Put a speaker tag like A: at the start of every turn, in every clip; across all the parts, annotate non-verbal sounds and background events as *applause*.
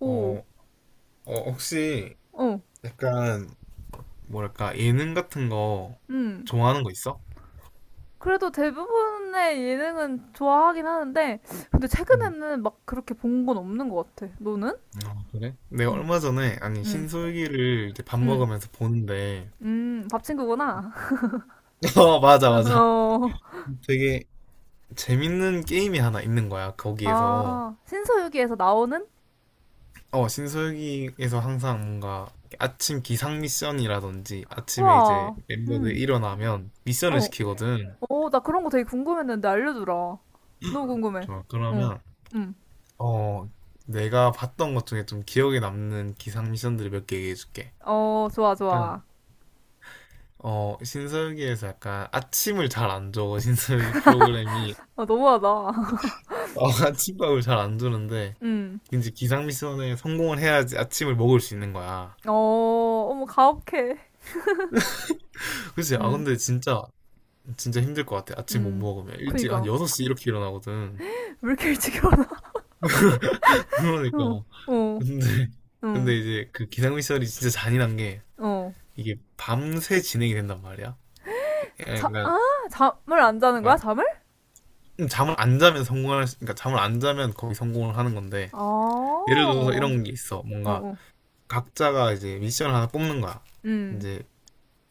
A: 오,
B: 어, 혹시
A: 어,
B: 약간 뭐랄까 예능 같은 거
A: 음.
B: 좋아하는 거 있어?
A: 그래도 대부분의 예능은 좋아하긴 하는데, 근데
B: 음.
A: 최근에는 막 그렇게 본 건 없는 것 같아. 너는?
B: 아, 그래? 내가
A: 응,
B: 얼마 전에 아니
A: 응,
B: 신솔기를 이제 밥
A: 응,
B: 먹으면서 보는데
A: 밥친구구나.
B: *laughs* 어, 맞아,
A: *laughs*
B: 맞아.
A: 어,
B: 되게 재밌는 게임이 하나 있는 거야, 거기에서.
A: 아, 신서유기에서 나오는?
B: 신솔기에서 항상 뭔가 아침 기상 미션이라든지 아침에 이제
A: 와,
B: 멤버들
A: 음,
B: 일어나면 미션을
A: 어,
B: 시키거든.
A: 어, 나 그런 거 되게 궁금했는데 알려주라. 너무 궁금해.
B: 좋아,
A: 응,
B: 그러면
A: 응.
B: 어, 내가 봤던 것 중에 좀 기억에 남는 기상 미션들을 몇 개 얘기해줄게.
A: 어, 좋아,
B: 약간,
A: 좋아.
B: 신서유기에서 약간 아침을 잘 안 줘. 신서유기 프로그램이.
A: 아, 너무하다. *laughs*
B: 어, *laughs* 아침밥을 잘 안 주는데,
A: 응,
B: 이제 기상 미션에 성공을 해야지 아침을 먹을 수 있는 거야.
A: 어, 어머, 가혹해.
B: 그치? 아,
A: 응,
B: 근데 진짜, 진짜 힘들 것 같아. 아침 못
A: 응.
B: 먹으면. 일찍 한
A: 그니까.
B: 6시 이렇게 일어나거든.
A: 왜 이렇게 일찍 일어나?
B: *laughs* 그러니까.
A: 어, 어,
B: 근데,
A: 응,
B: 근데 이제 그 기상 미션이 진짜 잔인한 게,
A: 어.
B: 이게 밤새 진행이 된단 말이야.
A: 자, 아, 잠을 안 자는 거야,
B: 약간,
A: 잠을?
B: 잠을 안 자면 성공할 수, 그러니까 잠을 안 자면 거기 성공을 하는 건데
A: 아,
B: 예를 들어서
A: 어,
B: 이런 게 있어. 뭔가
A: 어,
B: 각자가 이제 미션을 하나 뽑는 거야.
A: 음,
B: 이제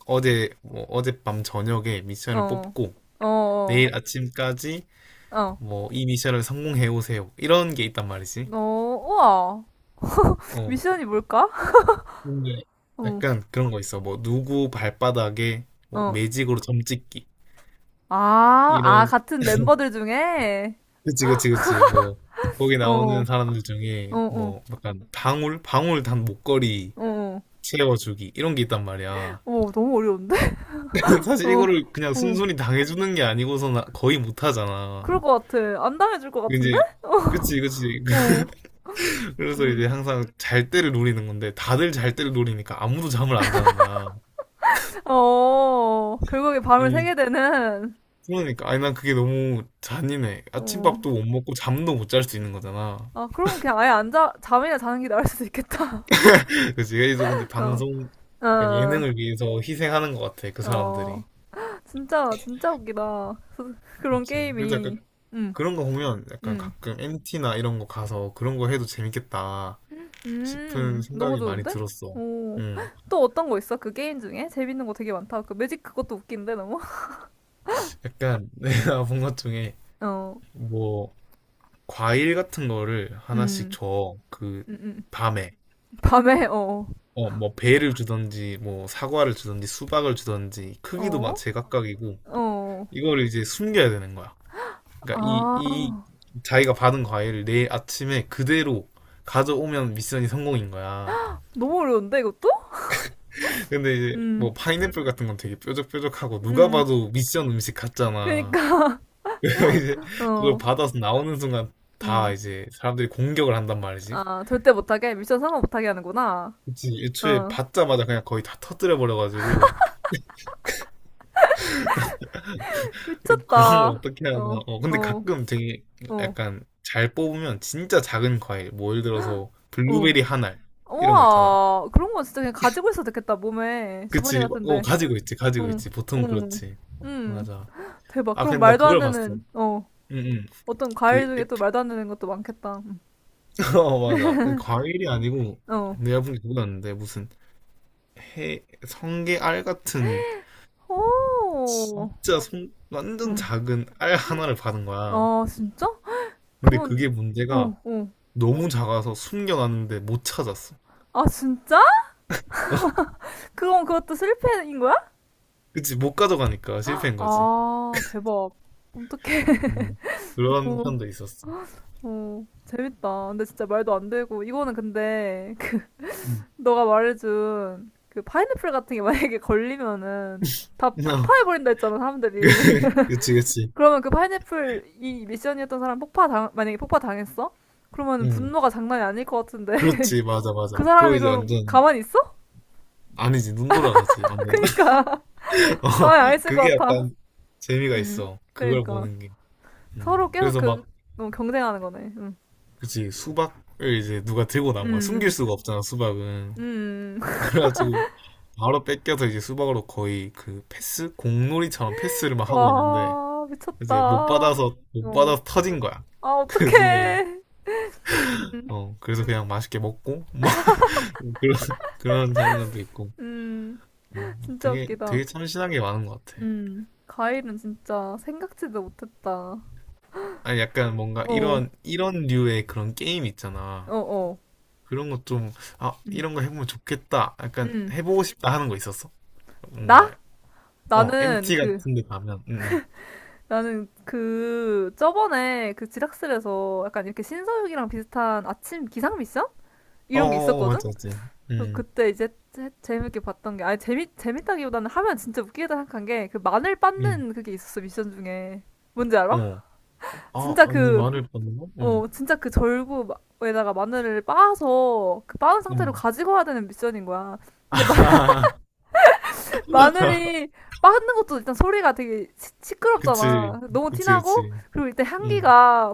B: 어제 뭐 어젯밤 저녁에 미션을
A: 어,
B: 뽑고
A: 어, 어,
B: 내일 아침까지
A: 어,
B: 뭐 이 미션을 성공해 오세요, 이런 게 있단 말이지.
A: 어, 우와.
B: 어.
A: 미션이 뭘까?
B: 근데
A: 어,
B: 약간 그런 거 있어. 뭐 누구 발바닥에 뭐
A: 어.
B: 매직으로 점 찍기.
A: 아, 아,
B: 이런,
A: 같은 멤버들 중에?
B: 그치 그치 그치, 뭐 거기
A: 어,
B: 나오는
A: 어,
B: 사람들 중에
A: 어,
B: 뭐 약간 방울 방울 단 목걸이
A: 어, 어.
B: 채워주기 이런 게 있단 말이야.
A: 어, 너무 어려운데?
B: *laughs*
A: *laughs*
B: 사실
A: 어,
B: 이거를 그냥
A: 어.
B: 순순히 당해주는 게 아니고서는 거의 못하잖아.
A: 그럴 것 같아. 안 당해줄 것 같은데?
B: 이제
A: 어,
B: 그치 그치.
A: 어,
B: *laughs* 그래서 이제
A: 음.
B: 항상 잘 때를 노리는 건데 다들 잘 때를 노리니까 아무도 잠을 안 자는 거야.
A: 어, 결국에 밤을
B: 음,
A: 새게 되는,
B: 그러니까 아니 난 그게 너무 잔인해.
A: 어.
B: 아침밥도 못 먹고 잠도 못 잘 수 있는 거잖아.
A: 아, 그럼 그냥 아예 안 자, 잠이나 자는 게 나을 수도 있겠다.
B: *laughs* 그치, 그래서 근데
A: *laughs* 어,
B: 방송, 그러니까
A: 어,
B: 예능을 위해서 희생하는 것 같아, 그
A: 어.
B: 사람들이.
A: 진짜, 진짜 웃기다. *laughs* 그런
B: 그치, 그래서 약간
A: 게임이. 음,
B: 그런 거 보면 약간
A: 음,
B: 가끔 MT나 이런 거 가서 그런 거 해도 재밌겠다 싶은
A: 너무
B: 생각이 많이
A: 좋은데?
B: 들었어.
A: 오. *gasps*
B: 음,
A: *laughs* 또 어떤 거 있어? 그 게임 중에? 재밌는 거 되게 많다. 그 매직 그것도 웃긴데, 너무? *laughs*
B: 약간 *laughs* 내가 본 것 중에
A: 어,
B: 뭐 과일 같은 거를 하나씩
A: 음,
B: 줘. 그
A: 음, 음.
B: 밤에,
A: 밤에, 어,
B: 어, 뭐 배를 주던지 뭐 사과를 주던지 수박을 주던지 크기도 막
A: 어,
B: 제각각이고
A: 어.
B: 이걸 이제 숨겨야 되는 거야. 그러니까 이
A: 아,
B: 자기가 받은 과일을 내일 아침에 그대로 가져오면 미션이 성공인 거야.
A: 너무 어려운데, 이것도?
B: 근데 이제
A: 음,
B: 뭐 파인애플 같은 건 되게 뾰족뾰족하고 누가
A: 음.
B: 봐도 미션 음식 같잖아.
A: 그니까,
B: 그러니까 이제
A: *laughs*
B: 그걸
A: 어,
B: 받아서 나오는 순간 다
A: 음.
B: 이제 사람들이 공격을 한단 말이지.
A: 아, 절대 못하게? 미션 성공 못하게 하는구나.
B: 그치, 애초에
A: 어,
B: 받자마자 그냥 거의 다 터뜨려 버려가지고 그런 걸
A: 미쳤다.
B: 어떻게 하나.
A: 어,
B: 어, 근데
A: 어,
B: 가끔 되게
A: 어,
B: 약간 잘 뽑으면 진짜 작은 과일, 뭐 예를 들어서
A: 어.
B: 블루베리 한 알, 이런 거 있잖아.
A: 우와, 그런 건 진짜 그냥 가지고 있어도 되겠다, 몸에. 주머니
B: 그치, 어,
A: 같은데.
B: 가지고 있지, 가지고
A: 응,
B: 있지. 보통
A: 응,
B: 그렇지.
A: 응.
B: 맞아.
A: 대박.
B: 아,
A: 그럼
B: 근데 나
A: 말도 안
B: 그걸 봤어. 응,
A: 되는, 어,
B: 응.
A: 어떤
B: 그,
A: 과일 중에 또
B: 에피,
A: 말도 안 되는 것도 많겠다. 응.
B: *laughs* 어, 맞아. 과일이 아니고,
A: 어,
B: 내가 본게 그거였는데, 성게알 같은
A: 오,
B: 진짜 손 완전
A: 응.
B: 작은 알 하나를 받은 거야.
A: 아, 진짜?
B: 근데 그게
A: 그건, 어,
B: 문제가
A: 어.
B: 너무 작아서 숨겨놨는데 못 찾았어.
A: 아, 진짜? 그건 그것도 실패인 거야?
B: 그치, 못 가져가니까 실패인 거지.
A: 아, 대박. 어떡해.
B: 음,
A: *laughs*
B: 그런
A: 어.
B: 편도 있었어.
A: 어, 재밌다. 근데 진짜 말도 안 되고, 이거는 근데, *laughs* 그
B: 음.
A: 너가 말해준, 그, 파인애플 같은 게 만약에 걸리면은, 다
B: *laughs*
A: 폭파해버린다 했잖아, 사람들이.
B: 그치,
A: *laughs*
B: 그치.
A: 그러면 그 파인애플, 이 미션이었던 사람 폭파 당, 만약에 폭파 당했어? 그러면
B: 음.
A: 분노가 장난이 아닐 것 같은데.
B: 그렇지, 맞아,
A: *laughs* 그
B: 맞아. 그리고
A: 사람이
B: 이제
A: 그럼
B: 완전,
A: 가만히 있어?
B: 아니지, 눈 돌아가지,
A: *laughs*
B: 완전.
A: 그니까.
B: *laughs* 어,
A: *laughs* 가만히 안 있을
B: 그게
A: 것 같아.
B: 약간 재미가 있어. 그걸
A: 그니까.
B: 보는 게. 음.
A: 서로 계속
B: 그래서
A: 그,
B: 막,
A: 너무 경쟁하는 거네. 응.
B: 그치, 수박을 이제 누가 들고 나온 거야. 숨길
A: 음.
B: 수가 없잖아, 수박은.
A: 음. *laughs*
B: 그래가지고 바로 뺏겨서 이제 수박으로 거의 그 패스? 공놀이처럼 패스를 막 하고 있는데
A: 와,
B: 이제 못
A: 미쳤다.
B: 받아서 못
A: 어.
B: 받아서 터진 거야.
A: 아,
B: *laughs* 그 수박이.
A: 어떡해.
B: 어, 그래서 그냥 맛있게 먹고 *laughs* 뭐 그런, 그런 장면도 있고.
A: 음,
B: 어,
A: 진짜
B: 되게
A: 웃기다.
B: 되게 참신한 게 많은 것 같아.
A: 과일은 진짜 생각지도 못했다.
B: 아니 약간 뭔가
A: 어,
B: 이런 류의 그런 게임 있잖아.
A: 어, 어.
B: 그런 거 좀, 아,
A: 음,
B: 이런 거 해보면 좋겠다. 약간
A: 음.
B: 해보고 싶다 하는 거 있었어. 뭔가,
A: 나? 나는
B: MT
A: 그,
B: 같은 데 가면,
A: 나는 그, 저번에 그 지락실에서 약간 이렇게 신서유기랑 비슷한 아침 기상 미션?
B: 어,
A: 이런 게
B: 어, 어,
A: 있었거든?
B: 맞지, 맞지.
A: 어,
B: 음.
A: 그때 이제 재밌게 봤던 게, 아니, 재밌다기보다는 하면 진짜 웃기겠다 생각한 게, 그 마늘
B: 음.
A: 빻는 그게 있었어, 미션 중에. 뭔지 알아?
B: 어. 아,
A: 진짜
B: 아니,
A: 그,
B: 말을 받는 거? 응,
A: 어, 진짜 그 절구에다가 마늘을 빻아서 그 빻은 상태로
B: 응.
A: 가지고 와야 되는 미션인 거야. 근데
B: 아,
A: *laughs*
B: *laughs*
A: 마늘이 빻는 것도 일단 소리가 되게
B: 그치,
A: 시끄럽잖아. 너무
B: 그치,
A: 티나고
B: 그치.
A: 그리고 일단
B: 응.
A: 향기가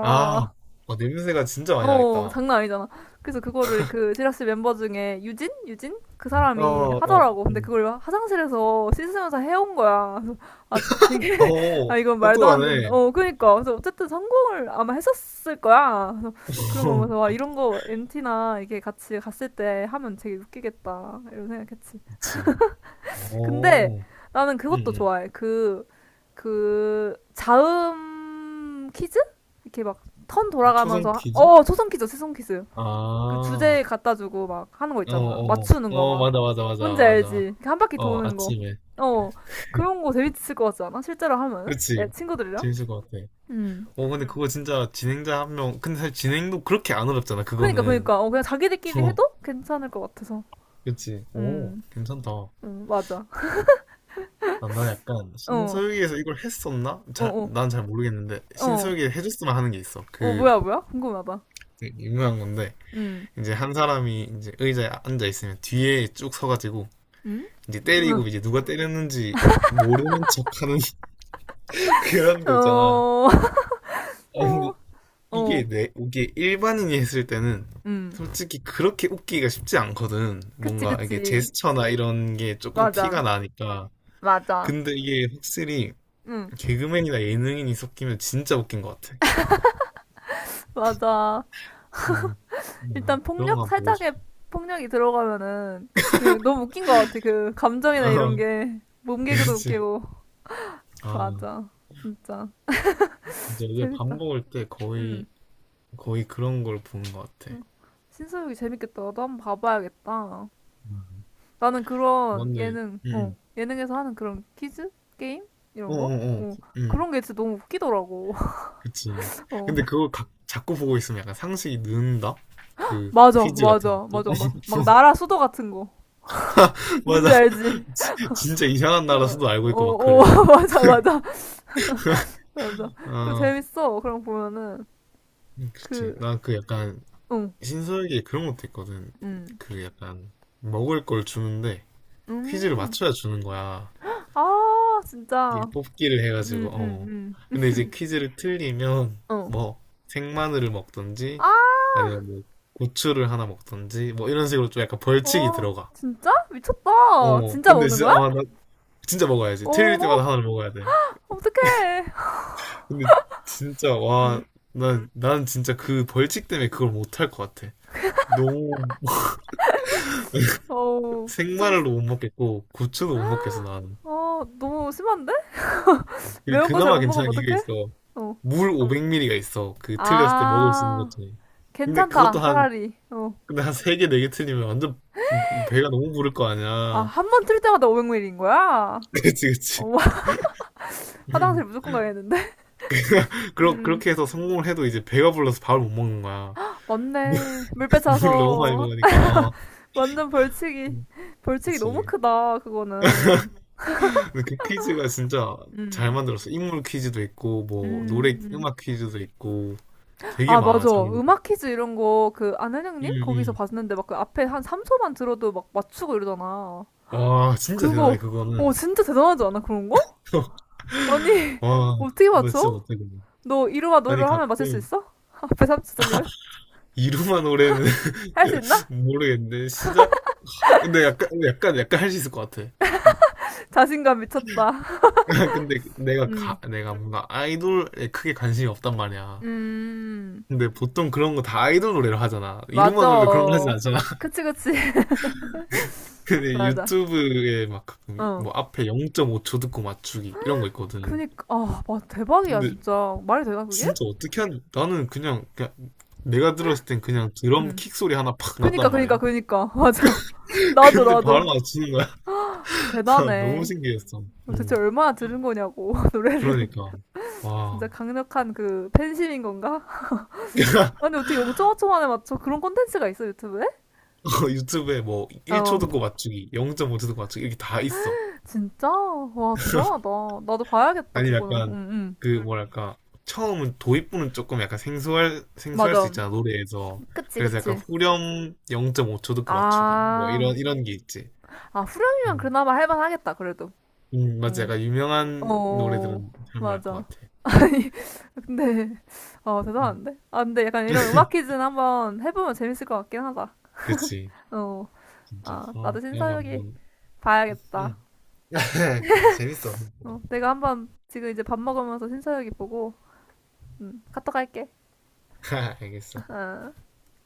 B: 아, 어, 냄새가 진짜 많이
A: 어,
B: 나겠다.
A: 장난 아니잖아. 그래서 그거를 그 지라시 멤버 중에 유진? 유진? 그
B: 어,
A: 사람이
B: 어,
A: 하더라고. 근데
B: 응.
A: 그걸 화장실에서 씻으면서 해온 거야. 그래서 아, 되게
B: 어,
A: 아, 이건 말도 안 된다.
B: 똑똑하네.
A: 어, 그니까. 그래서 어쨌든 성공을 아마 했었을 거야. 그래서 그런 거 보면서, 와,
B: *laughs*
A: 이런 거 MT나 이게 같이 갔을 때 하면 되게 웃기겠다. 이런 생각했지.
B: 그치.
A: 근데
B: 어,
A: 나는
B: 응,
A: 그것도
B: 응.
A: 좋아해. 그, 자음 퀴즈? 이렇게 막 턴
B: 초성
A: 돌아가면서,
B: 퀴즈?
A: 초성 퀴즈, 초성 퀴즈.
B: 아,
A: 그
B: 어,
A: 주제 갖다 주고 막 하는 거 있잖아.
B: 어,
A: 맞추는 거
B: 어,
A: 막.
B: 맞아, 맞아, 맞아,
A: 뭔지 알지?
B: 맞아.
A: 이렇게 한 바퀴
B: 어,
A: 도는 거.
B: 아침에.
A: 어, 그런 거 재밌을 것 같지 않아? 실제로 하면은?
B: 그치.
A: 친구들이랑?
B: 재밌을 것 같아.
A: 음.
B: 어, 근데 그거 진짜 진행자 한 명, 근데 사실 진행도 그렇게 안 어렵잖아,
A: 그니까
B: 그거는.
A: 그니까 어, 그냥 자기들끼리 해도 괜찮을 것 같아서
B: 그치. 오,
A: 음,
B: 괜찮다.
A: 맞아 *laughs*
B: 나 약간
A: 어어어어어
B: 신서유기에서 이걸 했었나?
A: 어, 어,
B: 난 잘 모르겠는데
A: 어, 어
B: 신서유기에 해줬으면 하는 게 있어. 그
A: 뭐야 뭐야 궁금하다
B: 되게 유명한 건데 이제 한 사람이 이제 의자에 앉아 있으면 뒤에 쭉 서가지고 이제 때리고 이제 누가 때렸는지 모르는 척하는 *laughs* 그런 거 있잖아.
A: 음음어어어음
B: 아, 근데 이게 일반인이 했을 때는 솔직히 그렇게 웃기가 쉽지 않거든.
A: *laughs* 그치
B: 뭔가 이게
A: 그치
B: 제스처나 이런 게 조금
A: 맞아
B: 티가 나니까.
A: 맞아
B: 근데 이게 확실히
A: 음
B: 개그맨이나 예능인이 섞이면 진짜 웃긴 것 같아.
A: 맞아
B: 음,
A: 일단
B: 그런
A: 폭력
B: 거 보고 싶어.
A: 살짝의
B: *laughs*
A: 폭력이 들어가면은 그냥 너무 웃긴 것 같아 그 감정이나 이런 게 몸개그도
B: 그렇지.
A: 웃기고
B: 아,
A: 맞아 진짜
B: 이제 이게 밥
A: 재밌다
B: 먹을 때 거의,
A: 음.
B: 거의 그런 걸 보는 것 같아.
A: 음, 신서유기 재밌겠다. 나도 한번 봐봐야겠다.
B: 음,
A: 나는 그런
B: 맞네.
A: 예능,
B: 응,
A: 어,
B: 응.
A: 예능에서 하는 그런 퀴즈? 게임?
B: 어,
A: 이런 거?
B: 어, 어.
A: 어,
B: 응,
A: 그런 게 진짜 너무 웃기더라고.
B: 그치.
A: *laughs* 어,
B: 근데 그걸 자꾸 보고 있으면 약간 상식이 는다? 그
A: 맞아,
B: 퀴즈 같은
A: 맞아,
B: 것들.
A: 맞아, 맞아. 막 나라
B: *laughs*
A: 수도 같은 거.
B: 맞아.
A: 뭔지 알지?
B: *laughs* 진- 짜 이상한
A: 어,
B: 나라 수도 알고 있고 막
A: 어,
B: 그래.
A: 어, *laughs* 맞아, 맞아, 맞아. 그거
B: 아,
A: 재밌어. 그럼 보면은,
B: 그렇지.
A: 그,
B: 나 그 약간
A: 응,
B: 신서에게 그런 것도 있거든.
A: 응.
B: 그 약간 먹을 걸 주는데 퀴즈를
A: 음.
B: 맞춰야 주는 거야.
A: 아,
B: 이
A: 진짜.
B: 뽑기를 해가지고
A: 응응
B: 어.
A: 응.
B: 근데 이제 퀴즈를 틀리면
A: 어.
B: 뭐 생마늘을 먹던지
A: 아,
B: 아니면 뭐 고추를 하나 먹던지 뭐 이런 식으로 좀 약간 벌칙이
A: 어,
B: 들어가.
A: 진짜? 미쳤다.
B: 어.
A: 진짜
B: 근데
A: 먹는
B: 진짜
A: 거야?
B: 아, 나 진짜 먹어야지. 틀릴 때마다
A: 오,
B: 하나를 먹어야 돼.
A: 어떡해.
B: 근데 진짜 와,
A: 음,
B: 난 진짜 그 벌칙 때문에 그걸 못할 것 같아. 너무
A: 어우, 좀,
B: 생마늘도 못 먹겠고 고추도 못 먹겠어 나는.
A: 어, 너무 심한데? 매운 거 잘
B: 그나마
A: 못 먹으면
B: 괜찮은 게
A: 어떡해?
B: 있어.
A: 어,
B: 물 500ml가 있어. 그 틀렸을 때 먹을 수 있는 것
A: 아,
B: 중에. 근데 그것도
A: 괜찮다, 차라리. 어,
B: 근데 한 3개, 4개 틀리면 완전 배가 너무 부를 거
A: 아,
B: 아니야.
A: 한 번 틀 때마다 500ml인 거야?
B: *laughs* 그치, 그치.
A: 어, *laughs*
B: 음.
A: 화장실 무조건 가야겠는데? 음,
B: 그렇게 해서 성공을 해도 이제 배가 불러서 밥을 못 먹는 거야. 물,
A: 맞네. 물
B: *laughs* 물을 너무 많이
A: 빼차서.
B: 먹으니까, 어.
A: 완전 벌칙이,
B: 음,
A: 벌칙이 너무
B: 그치.
A: 크다, 그거는.
B: 근데 그 퀴즈가 진짜 잘
A: 음,
B: 만들었어. 인물 퀴즈도 있고, 뭐, 노래,
A: 음.
B: 음악 퀴즈도 있고, 되게
A: 아,
B: 많아,
A: 맞아.
B: 장르가.
A: 음악 퀴즈 이런 거, 그,
B: 응,
A: 안은영님? 거기서
B: 응.
A: 봤는데, 막 그 앞에 한 3초만 들어도 막 맞추고 이러잖아.
B: 와, 진짜 대단해,
A: 그거,
B: 그거는.
A: 어, 진짜 대단하지 않아, 그런 거?
B: *laughs*
A: 아니, *laughs*
B: 와,
A: 어떻게
B: 나 진짜
A: 맞춰?
B: 못하겠네.
A: 너 이루와 노래를
B: 아니,
A: 하면 맞출 수
B: 가끔,
A: 있어? *laughs* 앞에 3초 들리면?
B: 이루마 노래는
A: 할 수
B: *laughs*
A: 있나?
B: 모르겠는데, 시작? 근데 약간 할 수 있을 것 같아. *laughs*
A: *laughs* 자신감 미쳤다.
B: 근데
A: 음,
B: 내가 뭔가 아이돌에 크게 관심이 없단 말이야.
A: 음,
B: 근데 보통 그런 거 다 아이돌 노래로 하잖아. 이루마 노래 그런 거 하진
A: 맞아.
B: 않잖아. *laughs*
A: 그치, 그치. *laughs*
B: 근데
A: 맞아.
B: 유튜브에 막 가끔
A: 어.
B: 뭐 앞에 0.5초 듣고 맞추기 이런 거 있거든.
A: 그니까, 아, 와, 대박이야,
B: 근데
A: 진짜. 말이 되나, 그게?
B: 진짜 어떻게 하는, 나는 그냥 내가 들었을 땐 그냥 드럼
A: 음.
B: 킥 소리 하나 팍
A: 그니까,
B: 났단
A: 그니까,
B: 말이야.
A: 그니까. *laughs* 맞아.
B: *laughs*
A: 나도,
B: 근데 바로
A: 나도.
B: 맞추는 *laughs* 너무
A: 대단해.
B: 신기했어. 음.
A: 도대체 얼마나 들은 거냐고 *laughs* 노래를
B: 그러니까.
A: *laughs*
B: 와.
A: 진짜 강력한 그 팬심인 건가? *laughs* 아니
B: *laughs*
A: 어떻게 0.5초 만에 맞춰 그런 콘텐츠가 있어 유튜브에?
B: 유튜브에 뭐 1초
A: 어
B: 듣고 맞추기, 0.5초 듣고 맞추기 이렇게 다 있어.
A: 진짜 와 대단하다 나도 봐야겠다
B: 아니면
A: 그거는
B: 약간
A: 응응
B: 그 뭐랄까 처음은 도입부는 조금 약간 생소할 수
A: 맞아
B: 있잖아 노래에서.
A: 그치
B: 그래서 약간
A: 그치
B: 후렴 0.5초 듣고
A: 아
B: 맞추기 뭐 이런
A: 아
B: 이런 게 있지.
A: 후렴이면
B: 음.
A: 그나마 할만하겠다 그래도
B: 맞아.
A: 어,
B: 약간 유명한
A: 어
B: 노래들은 할만할 것
A: 맞아
B: 같아.
A: *laughs* 아니 근데 어
B: 음,
A: 대단한데 아 근데 약간 이런 음악 퀴즈는 한번 해보면 재밌을 것 같긴 하다
B: 그치.
A: 어
B: 진짜.
A: 아 나도
B: 어,
A: 신
B: 다음에
A: 사유이
B: 한번.
A: 봐야겠다
B: 음. *laughs* 그래, 재밌어. 생각보다.
A: 어, 내가 한번 지금 이제 밥 먹으면서 신서유기 보고 카톡 할게.
B: *laughs* 알겠어.
A: *laughs* 어.